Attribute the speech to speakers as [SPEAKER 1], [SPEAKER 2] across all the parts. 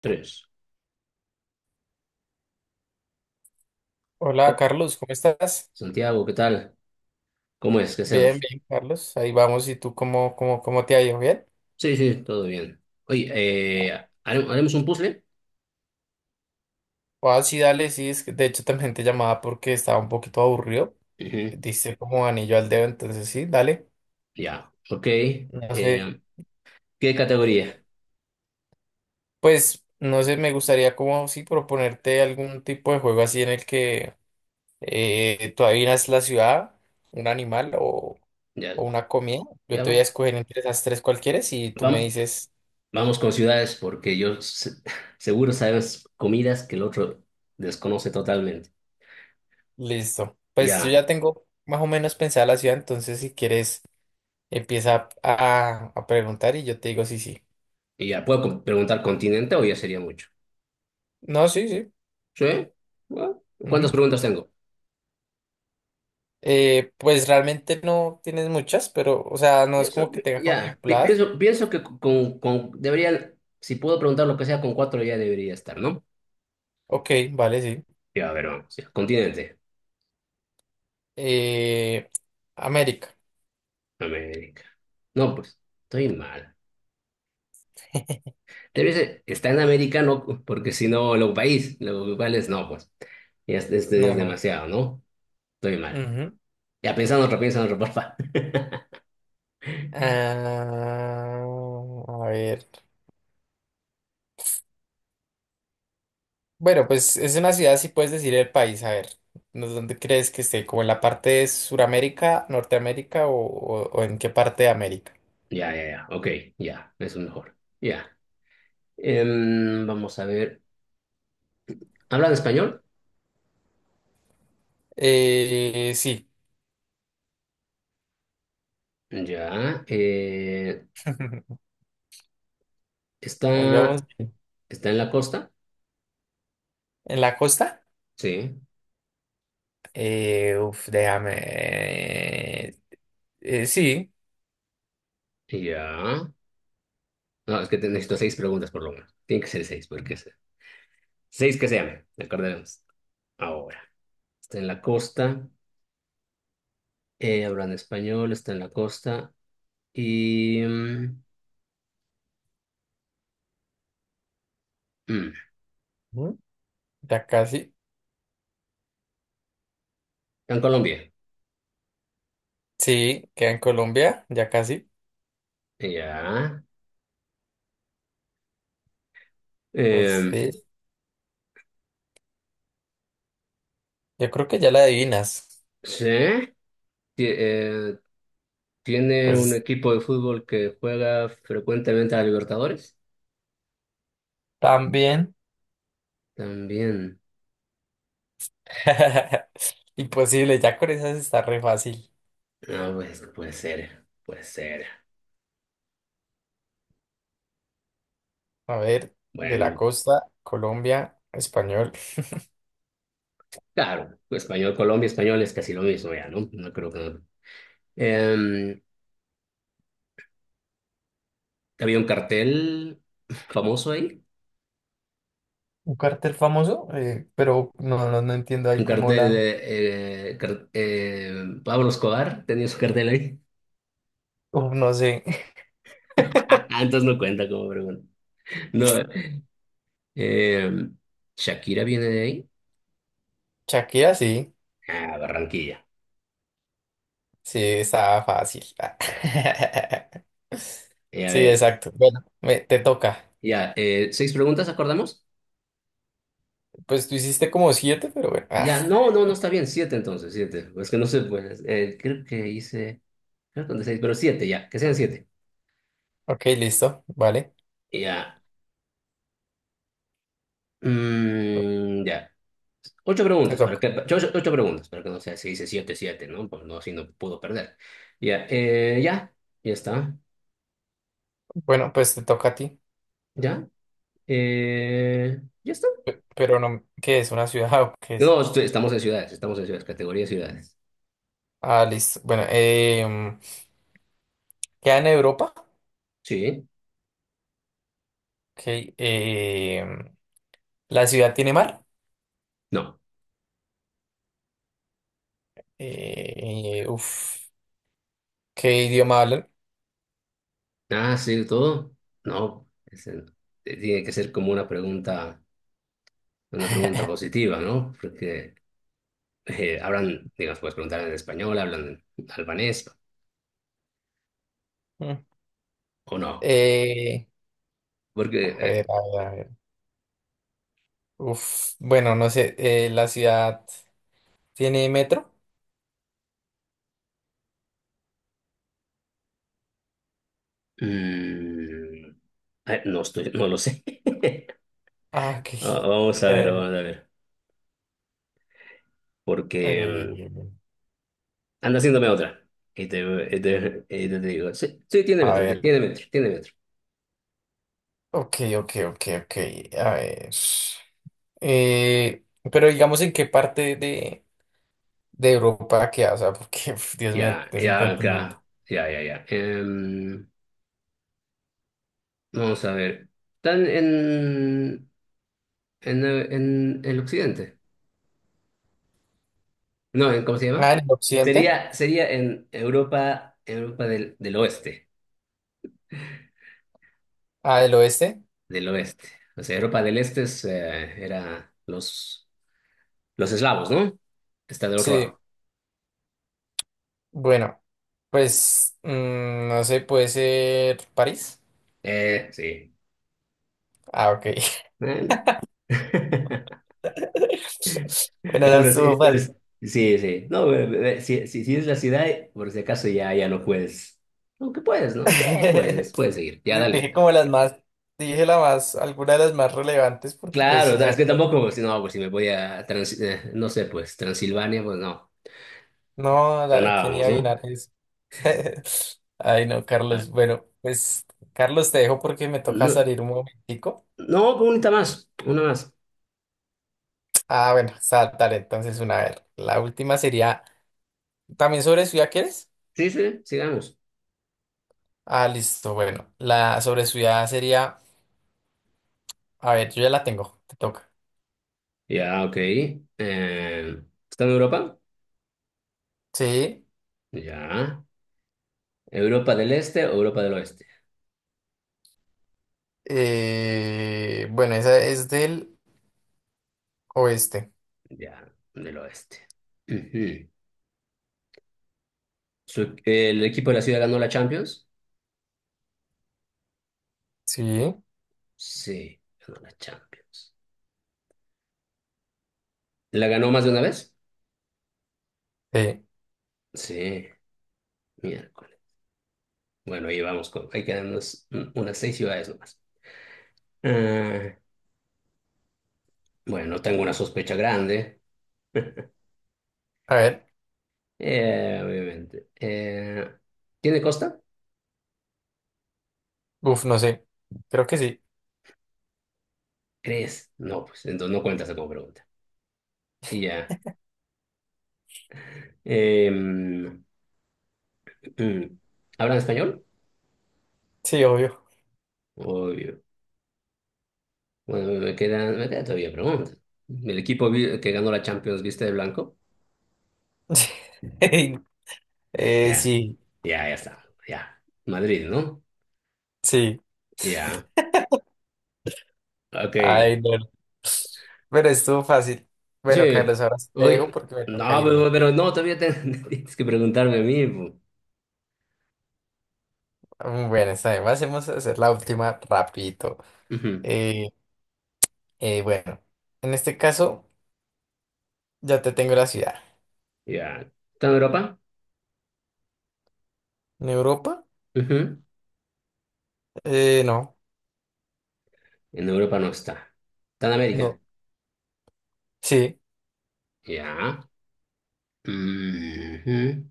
[SPEAKER 1] Tres.
[SPEAKER 2] Hola
[SPEAKER 1] Oh,
[SPEAKER 2] Carlos, ¿cómo estás?
[SPEAKER 1] Santiago, ¿qué tal? ¿Cómo es? ¿Qué
[SPEAKER 2] Bien,
[SPEAKER 1] hacemos?
[SPEAKER 2] bien, Carlos. Ahí vamos. ¿Y tú cómo te ha ido? ¿Bien?
[SPEAKER 1] Sí, sí, todo bien. Oye, ¿haremos un puzzle?
[SPEAKER 2] Ah, sí, dale, sí. Es que de hecho también te llamaba porque estaba un poquito aburrido.
[SPEAKER 1] Ujú.
[SPEAKER 2] Diste como anillo al dedo, entonces sí, dale.
[SPEAKER 1] Ya, ok.
[SPEAKER 2] No sé,
[SPEAKER 1] Eh, ¿Qué categoría?
[SPEAKER 2] pues no sé, me gustaría como sí proponerte algún tipo de juego así en el que tú adivinas la ciudad, un animal o
[SPEAKER 1] Ya,
[SPEAKER 2] una comida. Yo
[SPEAKER 1] ya
[SPEAKER 2] te voy a
[SPEAKER 1] vamos
[SPEAKER 2] escoger entre esas tres cualquiera y tú me
[SPEAKER 1] vamos
[SPEAKER 2] dices.
[SPEAKER 1] Vamos con ciudades porque yo seguro sabes comidas que el otro desconoce totalmente.
[SPEAKER 2] Listo. Pues yo
[SPEAKER 1] Ya,
[SPEAKER 2] ya tengo más o menos pensada la ciudad, entonces si quieres empieza a preguntar y yo te digo sí, sí.
[SPEAKER 1] y ya, ¿preguntar continente o ya sería mucho?
[SPEAKER 2] No, sí, sí.
[SPEAKER 1] ¿Sí? Bueno, ¿cuántas
[SPEAKER 2] Ujú.
[SPEAKER 1] preguntas tengo?
[SPEAKER 2] Pues realmente no tienes muchas, pero, o sea, no es
[SPEAKER 1] Pienso,
[SPEAKER 2] como que tenga contempladas.
[SPEAKER 1] pienso que con, deberían, si puedo preguntar lo que sea, con cuatro ya debería estar, ¿no?
[SPEAKER 2] Ok, vale, sí.
[SPEAKER 1] Ya, a ver, vamos, ya, continente,
[SPEAKER 2] Eh, América.
[SPEAKER 1] América. No, pues, estoy mal. Debe ser, está en América, no, porque si no, lo país, lo cual es, no, pues, ya este ya
[SPEAKER 2] No,
[SPEAKER 1] es
[SPEAKER 2] no.
[SPEAKER 1] demasiado, ¿no? Estoy mal.
[SPEAKER 2] Ujú.
[SPEAKER 1] Ya, pensando otro, piensa en otro, porfa.
[SPEAKER 2] Ah, a ver. Bueno, pues es una ciudad, si puedes decir el país, a ver, ¿dónde crees que esté? ¿Como en la parte de Suramérica, Norteamérica o en qué parte de América?
[SPEAKER 1] Ya, ok, ya, eso es mejor. Ya, vamos a ver, ¿hablan español?
[SPEAKER 2] Sí,
[SPEAKER 1] Ya,
[SPEAKER 2] ahí vamos.
[SPEAKER 1] está, está en la costa.
[SPEAKER 2] ¿En la costa?
[SPEAKER 1] Sí,
[SPEAKER 2] Uf, déjame. Sí.
[SPEAKER 1] ya. No, es que necesito seis preguntas por lo menos. Tiene que ser seis, porque seis que sean, acordaremos. Ahora, está en la costa, hablan español, está en la costa y... mm,
[SPEAKER 2] Ujú. Ya casi.
[SPEAKER 1] está en Colombia.
[SPEAKER 2] Sí, queda en Colombia, ya casi.
[SPEAKER 1] Ya.
[SPEAKER 2] Pues
[SPEAKER 1] Eh,
[SPEAKER 2] sí, yo creo que ya la adivinas.
[SPEAKER 1] sí. ti- eh, tiene un
[SPEAKER 2] Pues
[SPEAKER 1] equipo de fútbol que juega frecuentemente a Libertadores.
[SPEAKER 2] también.
[SPEAKER 1] También.
[SPEAKER 2] Imposible, ya con esas está re fácil.
[SPEAKER 1] Ah, pues puede ser, puede ser.
[SPEAKER 2] A ver, de la
[SPEAKER 1] Bueno,
[SPEAKER 2] costa, Colombia, español.
[SPEAKER 1] claro, español, Colombia, español es casi lo mismo ya, ¿no? No creo que... Em, había un cartel famoso ahí,
[SPEAKER 2] Un cartel famoso, pero no entiendo ahí
[SPEAKER 1] un
[SPEAKER 2] cómo
[SPEAKER 1] cartel
[SPEAKER 2] la...
[SPEAKER 1] de Pablo Escobar tenía su cartel ahí.
[SPEAKER 2] Uf, no sé.
[SPEAKER 1] Entonces no cuenta como pregunta. No, em, Shakira viene de ahí.
[SPEAKER 2] Shakira sí,
[SPEAKER 1] Ah, Barranquilla.
[SPEAKER 2] sí, estaba fácil. Ah.
[SPEAKER 1] A
[SPEAKER 2] Sí,
[SPEAKER 1] ver,
[SPEAKER 2] exacto. Bueno, te toca.
[SPEAKER 1] ya, seis preguntas, ¿acordamos?
[SPEAKER 2] Pues tú hiciste como siete, pero bueno. Ah,
[SPEAKER 1] Ya, no, no, no está bien, siete entonces, siete. Es que no sé, pues, creo que hice, creo que con seis, pero siete ya, que sean siete.
[SPEAKER 2] ok, listo, vale.
[SPEAKER 1] Ya. Mm, ya. Ocho
[SPEAKER 2] Te
[SPEAKER 1] preguntas, para
[SPEAKER 2] toca.
[SPEAKER 1] que, ocho, ocho preguntas, para que no sea, se dice siete, siete, ¿no? Pues no, así no puedo perder. Ya, ya, ya está.
[SPEAKER 2] Bueno, pues te toca a ti.
[SPEAKER 1] Ya, ya está.
[SPEAKER 2] Pero no, ¿qué es? ¿Una ciudad o qué es?
[SPEAKER 1] No, estamos en ciudades, categoría de ciudades.
[SPEAKER 2] Ah, listo. Bueno, ¿queda en Europa?
[SPEAKER 1] Sí,
[SPEAKER 2] Ok. em, La ciudad tiene mar.
[SPEAKER 1] no.
[SPEAKER 2] Uf, ¿qué idioma hablan?
[SPEAKER 1] Ah, sí, todo. No, tiene que ser como una pregunta positiva, ¿no? Porque hablan, digamos, puedes preguntar en español, hablan en albanés
[SPEAKER 2] Mm.
[SPEAKER 1] o no.
[SPEAKER 2] Eh,
[SPEAKER 1] Porque
[SPEAKER 2] a ver, a ver, a ver. Uf, bueno, no sé. La ciudad tiene metro.
[SPEAKER 1] mm, no estoy, no lo sé.
[SPEAKER 2] Ah, ok.
[SPEAKER 1] Vamos a ver, vamos a ver. Porque
[SPEAKER 2] Eh,
[SPEAKER 1] mm, anda haciéndome otra. Y te, y te digo, sí, sí, tiene
[SPEAKER 2] a
[SPEAKER 1] metro,
[SPEAKER 2] ver.
[SPEAKER 1] tiene metro, tiene metro.
[SPEAKER 2] Ok. A ver. Eh, pero digamos en qué parte de Europa queda, o sea, porque, uf, Dios mío,
[SPEAKER 1] Ya,
[SPEAKER 2] es un
[SPEAKER 1] ya,
[SPEAKER 2] continente.
[SPEAKER 1] ya, ya. Vamos a ver. ¿Están en el occidente? No, en, ¿cómo se
[SPEAKER 2] Ah,
[SPEAKER 1] llama?
[SPEAKER 2] en el occidente.
[SPEAKER 1] Sería en Europa, Europa del oeste,
[SPEAKER 2] Ah, el oeste.
[SPEAKER 1] del oeste. O sea, Europa del este es, era los... Los eslavos, ¿no? Que está del otro
[SPEAKER 2] Sí.
[SPEAKER 1] lado.
[SPEAKER 2] Bueno. Pues, mm, no sé, puede ser París.
[SPEAKER 1] Sí.
[SPEAKER 2] Ah, ok.
[SPEAKER 1] Bueno.
[SPEAKER 2] Bueno,
[SPEAKER 1] Ya,
[SPEAKER 2] esa estuvo
[SPEAKER 1] pero
[SPEAKER 2] fácil.
[SPEAKER 1] sí, sí, sí. No, pero si, si es la ciudad, por si acaso ya, ya no puedes. Aunque puedes, ¿no? Sí, puedes, puedes seguir. Ya,
[SPEAKER 2] Dije
[SPEAKER 1] dale.
[SPEAKER 2] como las más, Dije la más, alguna de las más relevantes porque pues
[SPEAKER 1] Claro, es
[SPEAKER 2] esa,
[SPEAKER 1] que tampoco, pues, no, pues si me voy a, no sé, pues Transilvania, pues no.
[SPEAKER 2] no, ¿quién iba
[SPEAKER 1] Sonábamos,
[SPEAKER 2] a
[SPEAKER 1] ¿no?
[SPEAKER 2] adivinar eso? Ay, no,
[SPEAKER 1] Ah,
[SPEAKER 2] Carlos. Bueno, pues, Carlos, te dejo porque me toca
[SPEAKER 1] no,
[SPEAKER 2] salir un momentico.
[SPEAKER 1] no, pues, una más, una más.
[SPEAKER 2] Ah, bueno, saltaré entonces una vez. La última sería, ¿también sobre ciudad quieres?
[SPEAKER 1] Sí, sí, sigamos.
[SPEAKER 2] Ah, listo, bueno, la sobre ciudad sería... A ver, yo ya la tengo, te toca.
[SPEAKER 1] Ya, ok. ¿Está en Europa?
[SPEAKER 2] Sí,
[SPEAKER 1] Ya. ¿Europa del Este o Europa del Oeste?
[SPEAKER 2] bueno, esa es del oeste.
[SPEAKER 1] Ya, del Oeste. Ujú. ¿El equipo de la ciudad ganó la Champions?
[SPEAKER 2] Sí,
[SPEAKER 1] Sí, ganó la Champions. ¿La ganó más de una vez?
[SPEAKER 2] sí.
[SPEAKER 1] Sí, miércoles. Bueno, ahí vamos con. Hay que darnos unas seis ciudades nomás. Ah, bueno, tengo una sospecha grande.
[SPEAKER 2] A ver,
[SPEAKER 1] Obviamente. ¿Tiene costa?
[SPEAKER 2] uf, no sé. Creo que sí.
[SPEAKER 1] ¿Crees? No, pues entonces no cuentas como pregunta. Y ya. Eh, mm, ¿Hablan español?
[SPEAKER 2] Sí, obvio.
[SPEAKER 1] Obvio. Bueno, me quedan todavía preguntas. El equipo que ganó la Champions, ¿viste de blanco? Ya,
[SPEAKER 2] Sí,
[SPEAKER 1] ya, ya está. Ya. Madrid, ¿no?
[SPEAKER 2] sí.
[SPEAKER 1] Ya. Ok.
[SPEAKER 2] Ay, no. Pero estuvo fácil.
[SPEAKER 1] Sí.
[SPEAKER 2] Bueno, Carlos, ahora sí te dejo
[SPEAKER 1] Oye.
[SPEAKER 2] porque me toca
[SPEAKER 1] No,
[SPEAKER 2] irme.
[SPEAKER 1] pero no, todavía tienes que preguntarme a mí. Po.
[SPEAKER 2] Mm, bueno, está bien. Vamos a hacer la última rapidito.
[SPEAKER 1] Ujú.
[SPEAKER 2] Eh, bueno, en este caso ya te tengo la ciudad.
[SPEAKER 1] Ya. ¿Está en Europa?
[SPEAKER 2] ¿En Europa?
[SPEAKER 1] Ujú.
[SPEAKER 2] No,
[SPEAKER 1] En Europa no está. ¿Está en
[SPEAKER 2] no.
[SPEAKER 1] América?
[SPEAKER 2] Sí.
[SPEAKER 1] Ya. Ujú.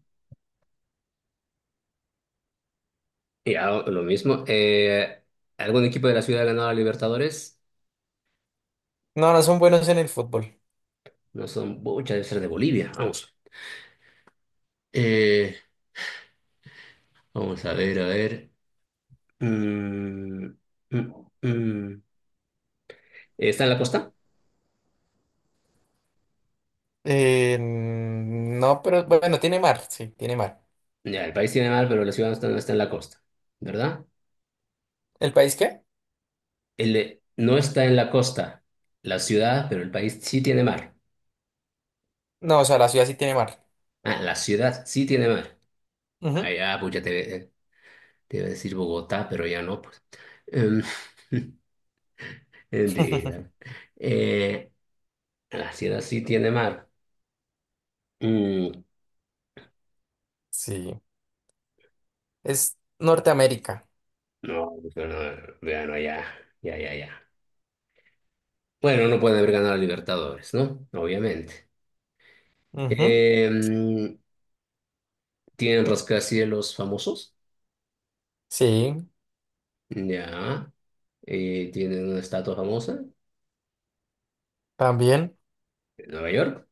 [SPEAKER 1] Ya, lo mismo. ¿Algún equipo de la ciudad ha ganado a Libertadores?
[SPEAKER 2] No, no son buenos en el fútbol.
[SPEAKER 1] No son, muchas debe ser de Bolivia. Vamos. Eh, Vamos a ver, a ver. Mm, mm, mm. ¿Está en la costa?
[SPEAKER 2] No, pero bueno, tiene mar, sí, tiene mar.
[SPEAKER 1] Ya, el país tiene mar, pero la ciudad no está, no está en la costa, ¿verdad?
[SPEAKER 2] ¿El país qué?
[SPEAKER 1] No está en la costa, la ciudad, pero el país sí tiene mar.
[SPEAKER 2] No, o sea, la ciudad sí tiene mar.
[SPEAKER 1] Ah, la ciudad sí tiene mar. Ah,
[SPEAKER 2] Ujú.
[SPEAKER 1] ya, pues ya te iba a decir Bogotá, pero ya no, pues. Em, mentira. Eh, la ciudad sí tiene mar. Mm,
[SPEAKER 2] Sí. Es Norteamérica.
[SPEAKER 1] no, pero no, bueno, ya. Bueno, no pueden haber ganado a Libertadores, ¿no? Obviamente.
[SPEAKER 2] Ujú.
[SPEAKER 1] Eh, tienen rascacielos famosos,
[SPEAKER 2] Sí,
[SPEAKER 1] ya. Tienen una estatua famosa
[SPEAKER 2] también.
[SPEAKER 1] en Nueva York.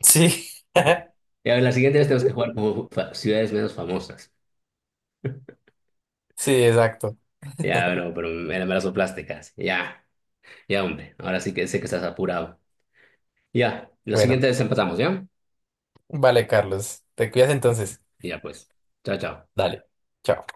[SPEAKER 2] Sí.
[SPEAKER 1] Ya, la siguiente vez tenemos que jugar como ciudades menos famosas.
[SPEAKER 2] Sí, exacto.
[SPEAKER 1] Ya, bueno, pero me las soplaste casi. Ya, ya, hombre. Ahora sí que sé que estás apurado. Ya, la siguiente
[SPEAKER 2] Bueno,
[SPEAKER 1] vez empatamos, ¿ya?
[SPEAKER 2] vale, Carlos. Te cuidas entonces.
[SPEAKER 1] Ya, pues. Chao, chao.
[SPEAKER 2] Dale. Chao.